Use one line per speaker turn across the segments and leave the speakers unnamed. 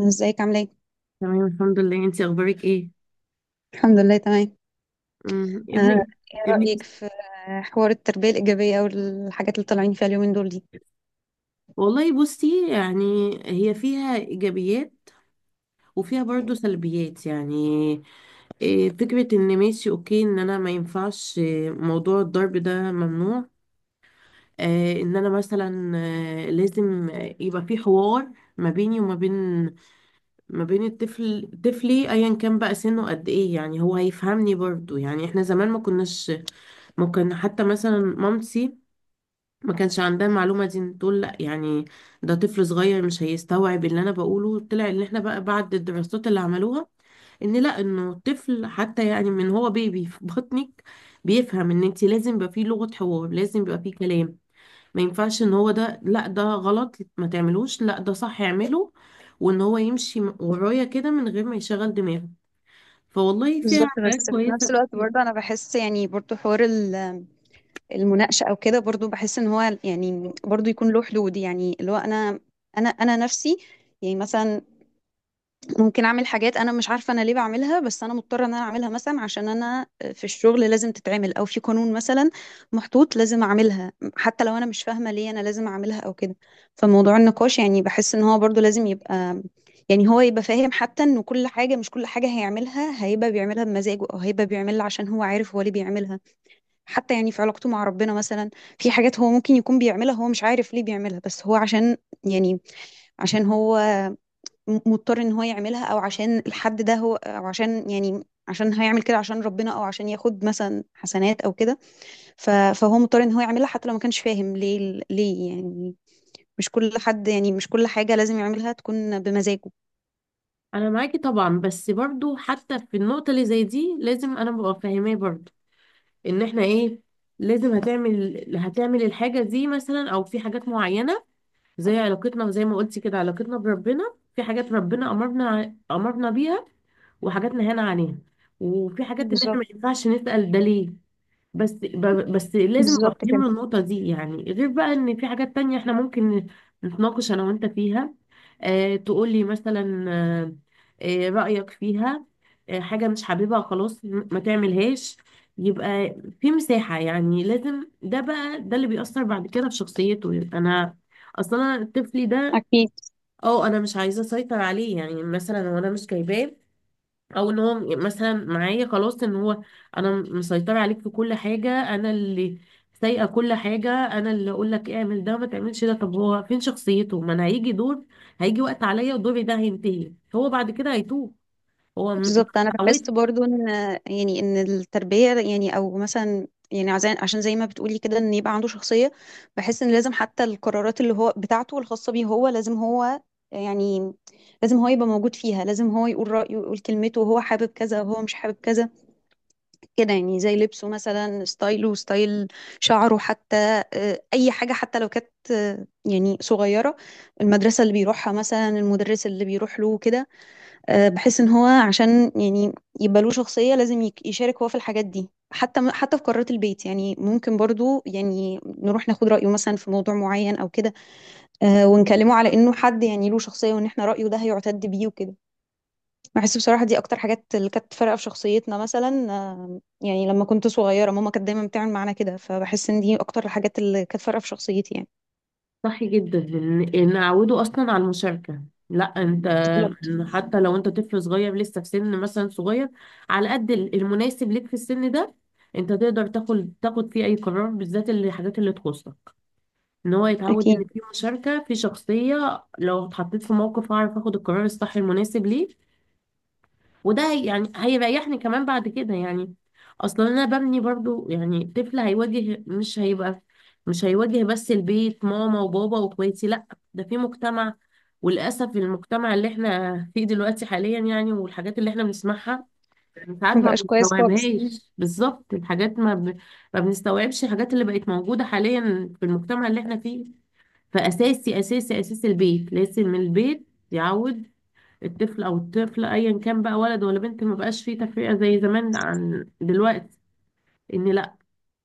ازيك عامله ايه؟
تمام، الحمد لله. انت اخبارك ايه؟
الحمد لله تمام.
امم ابنك
آه، ايه
ابنك؟
رأيك في حوار التربية الإيجابية او الحاجات اللي طالعين فيها اليومين دول دي؟
والله بصي يعني، هي فيها ايجابيات وفيها برضو سلبيات يعني. فكرة ان ماشي، اوكي، ان انا ما ينفعش، موضوع الضرب ده ممنوع. ان انا مثلا لازم يبقى في حوار ما بيني وما بين ما بين الطفل، طفلي ايا كان بقى سنه قد ايه، يعني هو هيفهمني برضو. يعني احنا زمان ما كناش، ممكن حتى مثلا مامتي ما كانش عندها المعلومة دي، تقول لا يعني ده طفل صغير مش هيستوعب اللي انا بقوله. طلع ان احنا بقى بعد الدراسات اللي عملوها، ان لا، انه الطفل حتى يعني من هو بيبي في بطنك بيفهم، ان انت لازم يبقى فيه لغة حوار، لازم يبقى فيه كلام. ما ينفعش ان هو ده لا ده غلط ما تعملوش، لا ده صح اعمله، وان هو يمشي ورايا كده من غير ما يشغل دماغه. فوالله فيها
بالظبط،
حاجات
بس في نفس
كويسة
الوقت
كتير.
برضه انا بحس يعني برضه حوار المناقشة او كده برضه بحس ان هو يعني برضه يكون له حدود، يعني اللي هو انا انا نفسي يعني مثلا ممكن اعمل حاجات انا مش عارفه انا ليه بعملها، بس انا مضطره ان انا اعملها مثلا عشان انا في الشغل لازم تتعمل او في قانون مثلا محطوط لازم اعملها حتى لو انا مش فاهمه ليه انا لازم اعملها او كده. فموضوع النقاش يعني بحس ان هو برضو لازم يبقى يعني هو يبقى فاهم، حتى ان كل حاجه مش كل حاجه هيعملها هيبقى بيعملها بمزاجه او هيبقى بيعملها عشان هو عارف هو ليه بيعملها. حتى يعني في علاقته مع ربنا مثلا، في حاجات هو ممكن يكون بيعملها هو مش عارف ليه بيعملها، بس هو عشان يعني عشان هو مضطر ان هو يعملها، او عشان الحد ده هو، او عشان يعني عشان هيعمل كده عشان ربنا، او عشان ياخد مثلا حسنات او كده. فهو مضطر ان هو يعملها حتى لو ما كانش فاهم ليه ليه يعني. مش كل حد يعني مش كل حاجة لازم يعملها تكون بمزاجه.
انا معاكي طبعا، بس برضو حتى في النقطة اللي زي دي لازم انا ببقى فاهماه برضو، ان احنا ايه، لازم هتعمل الحاجة دي مثلا، او في حاجات معينة زي علاقتنا، زي ما قلتي كده علاقتنا بربنا، في حاجات ربنا امرنا بيها، وحاجات نهانا عنها، وفي حاجات ان احنا
بالظبط.
ما ينفعش نسأل ده ليه. بس لازم
بالظبط كده.
افهمه النقطة دي، يعني غير بقى ان في حاجات تانية احنا ممكن نتناقش انا وانت فيها. اه تقولي مثلا، رأيك فيها، اه حاجة مش حاببها خلاص، ما تعملهاش. يبقى في مساحة، يعني لازم، ده بقى ده اللي بيأثر بعد كده في شخصيته، يبقى انا اصلا أنا طفلي ده،
أكيد.
اه انا مش عايزة اسيطر عليه يعني مثلا، وانا مش جايباه او ان هو مثلا معايا خلاص، ان هو انا مسيطره عليك في كل حاجه، انا اللي سايقه كل حاجه، انا اللي اقول لك اعمل ده ما تعملش ده. طب هو فين شخصيته؟ ما انا هيجي دور، هيجي وقت عليا ودوري ده هينتهي، هو بعد كده هيتوه. هو م-
بالظبط، انا
اتعودت.
بحس برضو ان يعني ان التربيه يعني او مثلا يعني عشان زي ما بتقولي كده ان يبقى عنده شخصيه، بحس ان لازم حتى القرارات اللي هو بتاعته الخاصه بيه هو لازم هو يعني لازم هو يبقى موجود فيها، لازم هو يقول رايه ويقول كلمته، وهو حابب كذا وهو مش حابب كذا كده. يعني زي لبسه مثلا، ستايله ستايل شعره حتى، اي حاجه حتى لو كانت يعني صغيره، المدرسه اللي بيروحها مثلا، المدرس اللي بيروح له كده. بحس ان هو عشان يعني يبقى له شخصية لازم يشارك هو في الحاجات دي. حتى حتى في قرارات البيت يعني ممكن برضو يعني نروح ناخد رأيه مثلا في موضوع معين او كده. ونكلمه على انه حد يعني له شخصية، وان احنا رأيه ده هيعتد بيه وكده. بحس بصراحة دي اكتر حاجات اللي كانت فارقة في شخصيتنا مثلا. يعني لما كنت صغيرة ماما كانت دايما بتعمل معانا كده، فبحس ان دي اكتر الحاجات اللي كانت فارقة في شخصيتي يعني.
صح جدا، ان اعوده اصلا على المشاركه، لا انت،
بالظبط.
إن حتى لو انت طفل صغير لسه في سن مثلا صغير، على قد المناسب ليك في السن ده، انت تقدر تاخد فيه اي قرار، بالذات الحاجات اللي تخصك، ان هو يتعود ان
اكيد.
في مشاركة، في شخصية، لو اتحطيت في موقف هعرف اخد القرار الصح المناسب ليه. يعني هيريحني كمان بعد كده يعني، اصلا انا ببني برضو يعني طفل هيواجه، مش هيبقى مش هيواجه بس البيت ماما وبابا واخواتي، لا ده في مجتمع. وللاسف المجتمع اللي احنا فيه دلوقتي حاليا يعني، والحاجات اللي احنا بنسمعها ساعات ما
مبقاش كويس خالص.
بنستوعبهاش بالظبط. الحاجات ما بنستوعبش الحاجات اللي بقت موجودة حاليا في المجتمع اللي احنا فيه. فأساسي أساسي أساس البيت، لازم من البيت يعود الطفل أو الطفلة، أيا كان بقى ولد ولا بنت، ما بقاش فيه تفرقة زي زمان عن دلوقتي، إن لأ،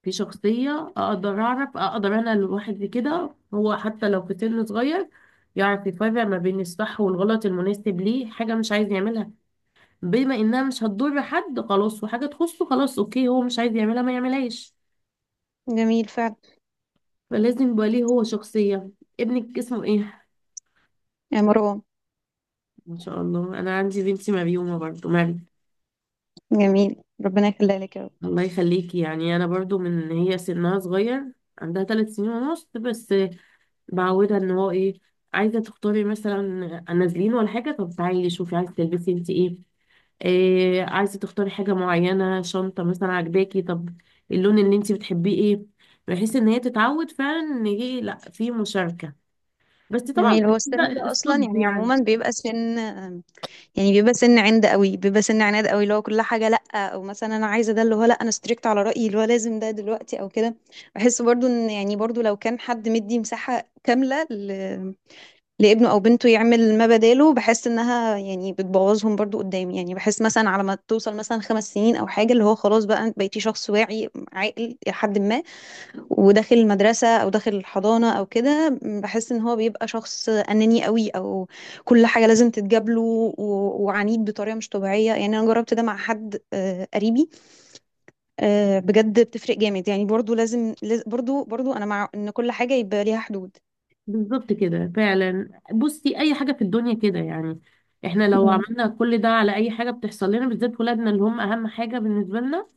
في شخصية، أقدر أعرف، أقدر أنا لوحدي كده، هو حتى لو في سن صغير يعرف يفرق ما بين الصح والغلط المناسب ليه. حاجة مش عايز يعملها، بما إنها مش هتضر حد خلاص وحاجة تخصه، خلاص، أوكي، هو مش عايز يعملها ما يعملهاش.
جميل فعلا.
فلازم يبقى ليه هو شخصية. ابنك اسمه إيه؟
يا مروة.
ما شاء الله، انا عندي بنتي مريومه برضو، مريم.
جميل، ربنا يخليها لك يا رب.
الله يخليكي. يعني انا برضو من هي سنها صغير، عندها 3 سنين ونص بس، بعودها ان هو ايه، عايزه تختاري مثلا، نازلين ولا حاجه، طب تعالي شوفي عايزه تلبسي انت ايه، إيه عايزه تختاري، حاجه معينه شنطه مثلا عجباكي، طب اللون اللي انت بتحبيه ايه، بحيث ان هي تتعود فعلا ان ايه، لا في مشاركه، بس طبعا
جميل، هو السن
ده
ده اصلا
الصب
يعني
يعني.
عموما بيبقى سن، يعني بيبقى سن عند قوي، بيبقى سن عناد قوي، اللي هو كل حاجه لا، او مثلا انا عايزه ده، اللي هو لا انا ستريكت على رايي، اللي هو لازم ده دلوقتي او كده. بحس برضو ان يعني برضو لو كان حد مدي مساحه كامله لابنه او بنته يعمل ما بداله، بحس انها يعني بتبوظهم برضو قدام. يعني بحس مثلا على ما توصل مثلا 5 سنين او حاجه، اللي هو خلاص بقى انت بقيتي شخص واعي عاقل الى حد ما، وداخل المدرسة أو داخل الحضانة أو كده، بحس إن هو بيبقى شخص أناني قوي، أو كل حاجة لازم تتجاب له، وعنيد بطريقة مش طبيعية. يعني أنا جربت ده مع حد قريبي، بجد بتفرق جامد. يعني برضو لازم برضو برضو أنا مع إن كل حاجة يبقى ليها حدود.
بالظبط كده فعلا. بصي اي حاجه في الدنيا كده يعني، احنا لو
مم.
عملنا كل ده على اي حاجه بتحصل لنا، بالذات ولادنا اللي هم اهم حاجه بالنسبه لنا،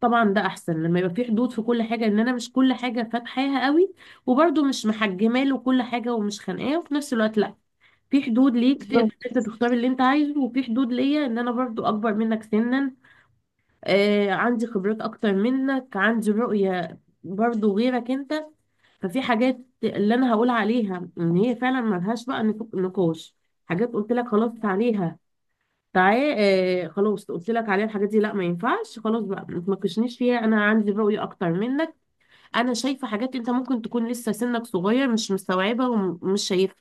طبعا ده احسن لما يبقى في حدود في كل حاجه، ان انا مش كل حاجه فاتحاها قوي، وبرده مش محجمه له كل حاجه ومش خانقاه، وفي نفس الوقت لا، في حدود ليك
بالظبط،
تقدر انت تختار اللي انت عايزه، وفي حدود ليا ان انا برضو اكبر منك سنا، عندي خبرات اكتر منك، عندي رؤيه برضو غيرك انت. ففي حاجات اللي انا هقول عليها ان هي فعلا ملهاش بقى نقاش، حاجات قلت لك خلاص عليها، تعالى خلاص قلت لك عليها، الحاجات دي لا ما ينفعش، خلاص بقى ما تناقشنيش فيها، انا عندي رؤية اكتر منك، انا شايفة حاجات انت ممكن تكون لسه سنك صغير مش مستوعبها ومش شايفها.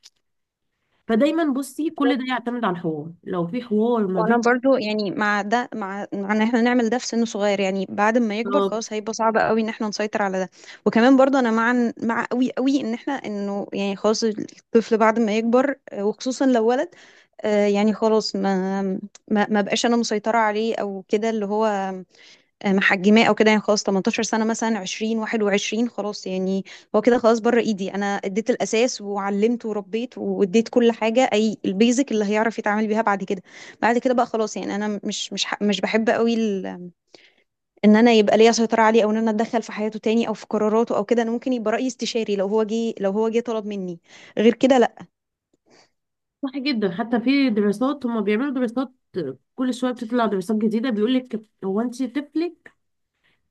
فدايما بصي كل ده يعتمد على الحوار، لو في حوار ما
وانا
بين،
برضو يعني مع ده مع ان احنا نعمل ده في سن صغير، يعني بعد ما يكبر
طب
خلاص هيبقى صعب قوي ان احنا نسيطر على ده. وكمان برضو انا مع مع قوي قوي ان احنا انه يعني خلاص الطفل بعد ما يكبر، وخصوصا لو ولد، يعني خلاص ما ما بقاش انا مسيطرة عليه او كده، اللي هو محجماه او كده. يعني خلاص 18 سنه مثلا 20 21 خلاص يعني، هو كده خلاص بره ايدي، انا اديت الاساس وعلمته وربيت واديت كل حاجه، اي البيزك اللي هيعرف يتعامل بيها بعد كده. بعد كده بقى خلاص يعني انا مش مش بحب قوي ان انا يبقى ليا سيطره عليه، او ان انا اتدخل في حياته تاني او في قراراته او كده. انا ممكن يبقى رايي استشاري لو هو جه، طلب مني، غير كده لا.
صح جدا، حتى في دراسات، هم بيعملوا دراسات كل شوية، بتطلع دراسات جديدة بيقول لك هو، انت طفلك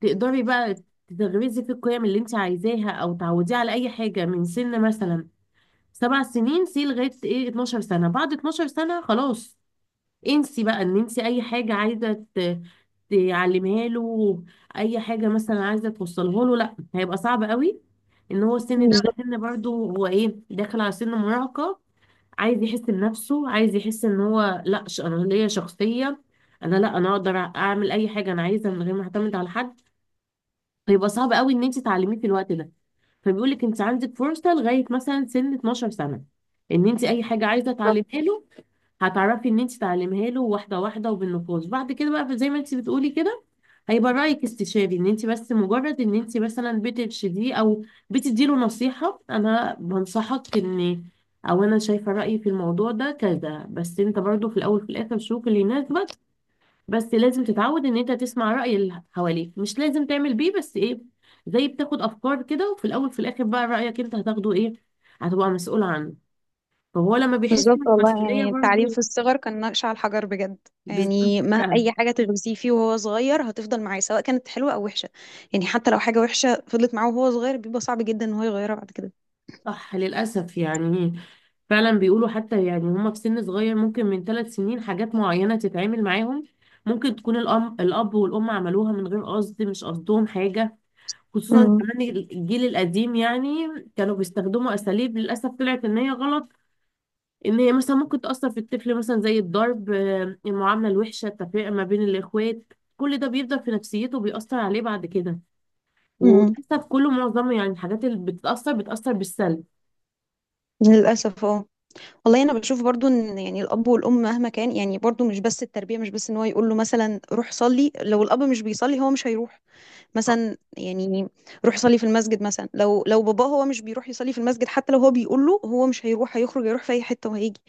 تقدري بقى تغرزي في القيم اللي انت عايزاها، او تعوديه على اي حاجه من سن مثلا 7 سنين سي لغايه ايه 12 سنه، بعد 12 سنه خلاص انسي بقى ان انت اي حاجه عايزه تعلمها له، اي حاجه مثلا عايزه توصلها له، لا هيبقى صعب قوي، ان هو السن ده بقى
بالظبط.
سن برضه هو ايه، داخل على سن مراهقه، عايز يحس بنفسه، عايز يحس ان هو لا، انا ليا شخصيه، انا لا، انا اقدر اعمل اي حاجه انا عايزها من غير ما اعتمد على حد. هيبقى صعب قوي ان انت تعلميه في الوقت ده، فبيقول لك انت عندك فرصه لغايه مثلا سن 12 سنه، ان انت اي حاجه عايزه تعلمها له هتعرفي ان انت تعلمها له واحده واحده، وبالنقاش بعد كده بقى، زي ما انت بتقولي كده هيبقى رايك استشاري، ان انت بس مجرد ان انت مثلا بترشديه او بتدي له نصيحه، انا بنصحك ان، او انا شايفه رايي في الموضوع ده كذا، بس انت برضو في الاول في الاخر شوف اللي يناسبك. بس لازم تتعود ان انت تسمع رأي اللي حواليك، مش لازم تعمل بيه، بس ايه، زي بتاخد افكار كده، وفي الاول في الاخر بقى رأيك انت هتاخده، ايه هتبقى مسؤول عنه، فهو لما بيحس
بالظبط، والله
بالمسؤولية
يعني التعليم
برضه.
في الصغر كان نقش على الحجر بجد،
بالظبط
يعني ما
فعلا.
اي حاجه تغرسيه فيه وهو صغير هتفضل معاه سواء كانت حلوه او وحشه. يعني حتى لو حاجه وحشه فضلت معاه وهو صغير، بيبقى صعب جدا ان هو يغيرها بعد كده.
صح للأسف يعني، فعلا بيقولوا حتى يعني هما في سن صغير ممكن من 3 سنين، حاجات معينة تتعامل معاهم، ممكن تكون الأم، الأب والأم عملوها من غير قصد، مش قصدهم حاجة، خصوصا
امم.
كمان الجيل القديم يعني كانوا بيستخدموا أساليب للأسف طلعت إن هي غلط، ان هي مثلا ممكن تأثر في الطفل، مثلا زي الضرب، المعاملة الوحشة، التفرقة ما بين الإخوات، كل ده بيفضل في نفسيته وبيأثر عليه بعد كده.
امم،
وللأسف كله معظمه يعني الحاجات اللي بتتأثر بتأثر بالسلب.
للاسف اه. والله انا بشوف برضو ان يعني الاب والام مهما كان، يعني برضو مش بس التربيه، مش بس ان هو يقول له مثلا روح صلي، لو الاب مش بيصلي هو مش هيروح، مثلا يعني. روح صلي في المسجد مثلا، لو باباه هو مش بيروح يصلي في المسجد، حتى لو هو بيقول له هو مش هيروح، هيخرج يروح في اي حته وهيجي.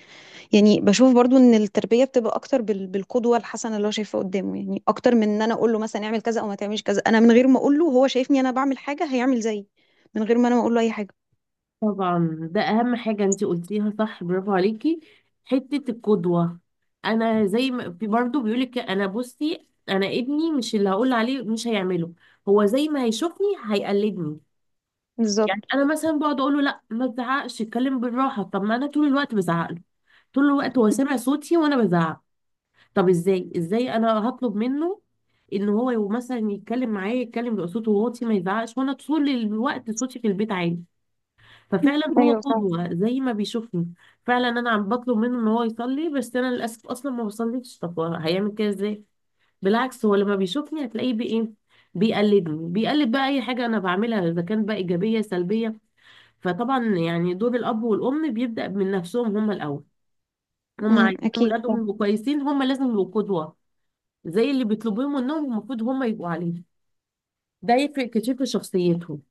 يعني بشوف برضو ان التربيه بتبقى اكتر بالقدوه الحسنه اللي هو شايفها قدامه، يعني اكتر من ان انا اقول له مثلا اعمل كذا او ما تعملش كذا. انا من غير ما اقول له، هو شايفني انا بعمل حاجه هيعمل زيي من غير ما انا اقول له اي حاجه.
طبعا ده أهم حاجة انتي قلتيها، صح، برافو عليكي، حتة القدوة. أنا زي ما في برضه بيقولك، أنا بصي، أنا ابني مش اللي هقول عليه مش هيعمله، هو زي ما هيشوفني هيقلدني. يعني
بالظبط.
أنا مثلا بقعد أقول له لا ما تزعقش، اتكلم بالراحة، طب ما أنا طول الوقت بزعق له، طول الوقت هو سامع صوتي وانا بزعق، طب ازاي، انا هطلب منه ان هو مثلا يتكلم معايا، يتكلم بقى صوته واطي ما يزعقش، وانا طول الوقت صوتي في البيت عالي، ففعلا هو
ايوه فعلا.
قدوة زي ما بيشوفني. فعلا انا عم بطلب منه ان هو يصلي، بس انا للاسف اصلا ما بصليش، طب هو هيعمل كده ازاي؟ بالعكس هو لما بيشوفني هتلاقيه بايه، بيقلدني، بيقلد بقى اي حاجه انا بعملها، اذا كانت بقى ايجابيه سلبيه. فطبعا يعني دور الاب والام بيبدا من نفسهم هم الاول، هم
امم،
عايزين
اكيد
ولادهم
صح.
يبقوا كويسين، هم لازم يبقوا قدوة زي اللي بيطلبوه منهم، المفروض هم يبقوا عليه، ده يفرق كتير في شخصيتهم،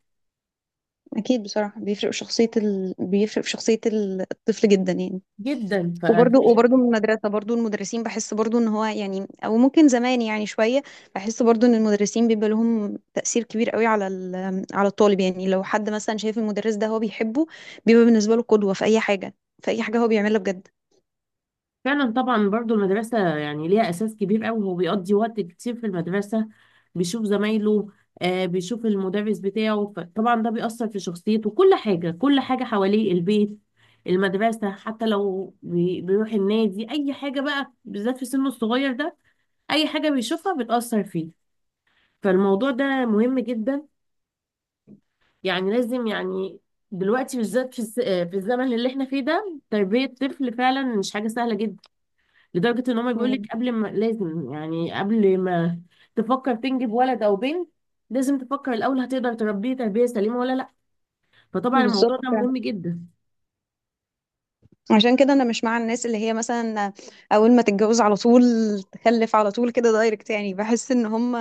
اكيد، بصراحه بيفرق في شخصيه بيفرق في شخصيه الطفل جدا يعني.
جدا،
وبرضو
ففعلا.
وبرضو من المدرسة، برضو المدرسين بحس برضو ان هو يعني او ممكن زمان يعني شوية، بحس برضو ان المدرسين بيبقى لهم تأثير كبير قوي على على الطالب. يعني لو حد مثلا شايف المدرس ده هو بيحبه، بيبقى بالنسبة له قدوة في اي حاجة، في اي حاجة هو بيعملها بجد.
طبعا برضو المدرسة يعني ليها أساس كبير قوي، هو بيقضي وقت كتير في المدرسة، بيشوف زمايله، بيشوف المدرس بتاعه، فطبعا ده بيأثر في شخصيته، كل حاجة، كل حاجة حواليه، البيت، المدرسة، حتى لو بيروح النادي، أي حاجة بقى بالذات في سنه الصغير ده، أي حاجة بيشوفها بتأثر فيه. فالموضوع ده مهم جدا، يعني لازم يعني، دلوقتي بالذات في في الزمن اللي احنا فيه ده، تربية طفل فعلا مش حاجة سهلة جدا، لدرجة ان هما بيقولك
مم.
قبل ما، لازم يعني قبل ما تفكر تنجب ولد او بنت، لازم تفكر الاول هتقدر تربيه تربية سليمة ولا لا، فطبعا الموضوع
بالظبط.
ده مهم جدا.
عشان كده انا مش مع الناس اللي هي مثلا اول ما تتجوز على طول تخلف على طول كده دايركت. يعني بحس ان هم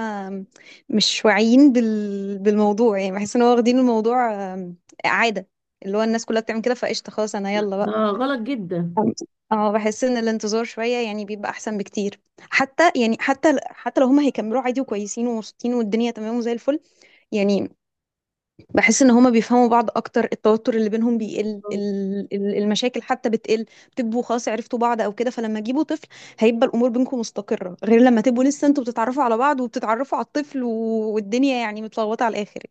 مش واعيين بالموضوع، يعني بحس ان هو واخدين الموضوع عادة، اللي هو الناس كلها بتعمل كده فقشطة خلاص انا يلا
ده
بقى.
غلط جدا.
اه، بحس ان الانتظار شوية يعني بيبقى احسن بكتير، حتى يعني حتى لو هم هيكملوا عادي وكويسين ومبسوطين والدنيا تمام وزي الفل يعني. بحس ان هما بيفهموا بعض اكتر، التوتر اللي بينهم بيقل،
آه،
المشاكل حتى بتقل، بتبقوا خلاص عرفتوا بعض او كده. فلما تجيبوا طفل هيبقى الامور بينكم مستقرة، غير لما تبقوا لسه انتوا بتتعرفوا على بعض وبتتعرفوا على الطفل، والدنيا يعني متلخبطة على الاخر.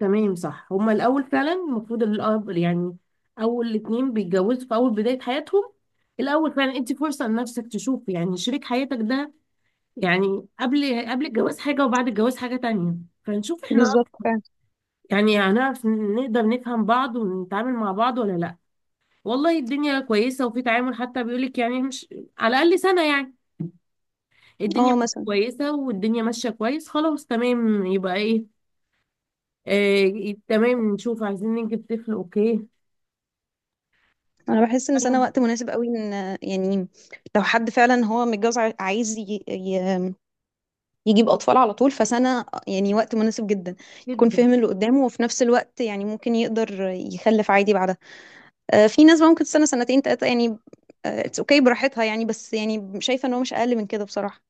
تمام صح، هما الاول فعلا المفروض الاب يعني، اول اتنين بيتجوزوا في اول بداية حياتهم، الاول فعلا انت فرصة لنفسك تشوف يعني شريك حياتك ده، يعني قبل الجواز حاجة وبعد الجواز حاجة تانية، فنشوف احنا
بالظبط فعلا.
يعني هنعرف نقدر نفهم بعض ونتعامل مع بعض ولا لا، والله الدنيا كويسة وفي تعامل، حتى بيقولك يعني مش، على الأقل سنة يعني، الدنيا
اه
مش
مثلا،
كويسة والدنيا ماشية كويس خلاص تمام، يبقى ايه، تمام نشوف عايزين نجيب طفل، اوكي.
انا بحس ان سنة
آه،
وقت مناسب قوي ان يعني لو حد فعلا هو متجوز عايز يجيب اطفال على طول، فسنة يعني وقت مناسب جدا، يكون
جدا.
فاهم اللي قدامه، وفي نفس الوقت يعني ممكن يقدر يخلف عادي بعدها. في ناس بقى ممكن تستنى 2 3 يعني، اتس اوكي براحتها يعني، بس يعني شايفة ان هو مش اقل من كده بصراحة.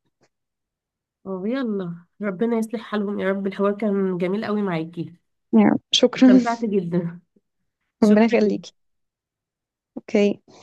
اه يلا ربنا يصلح حالهم يا رب. الحوار كان جميل قوي معاكي،
يعني شكرا.
استمتعت جدا،
ربنا
شكرا.
يخليكي. اوكي.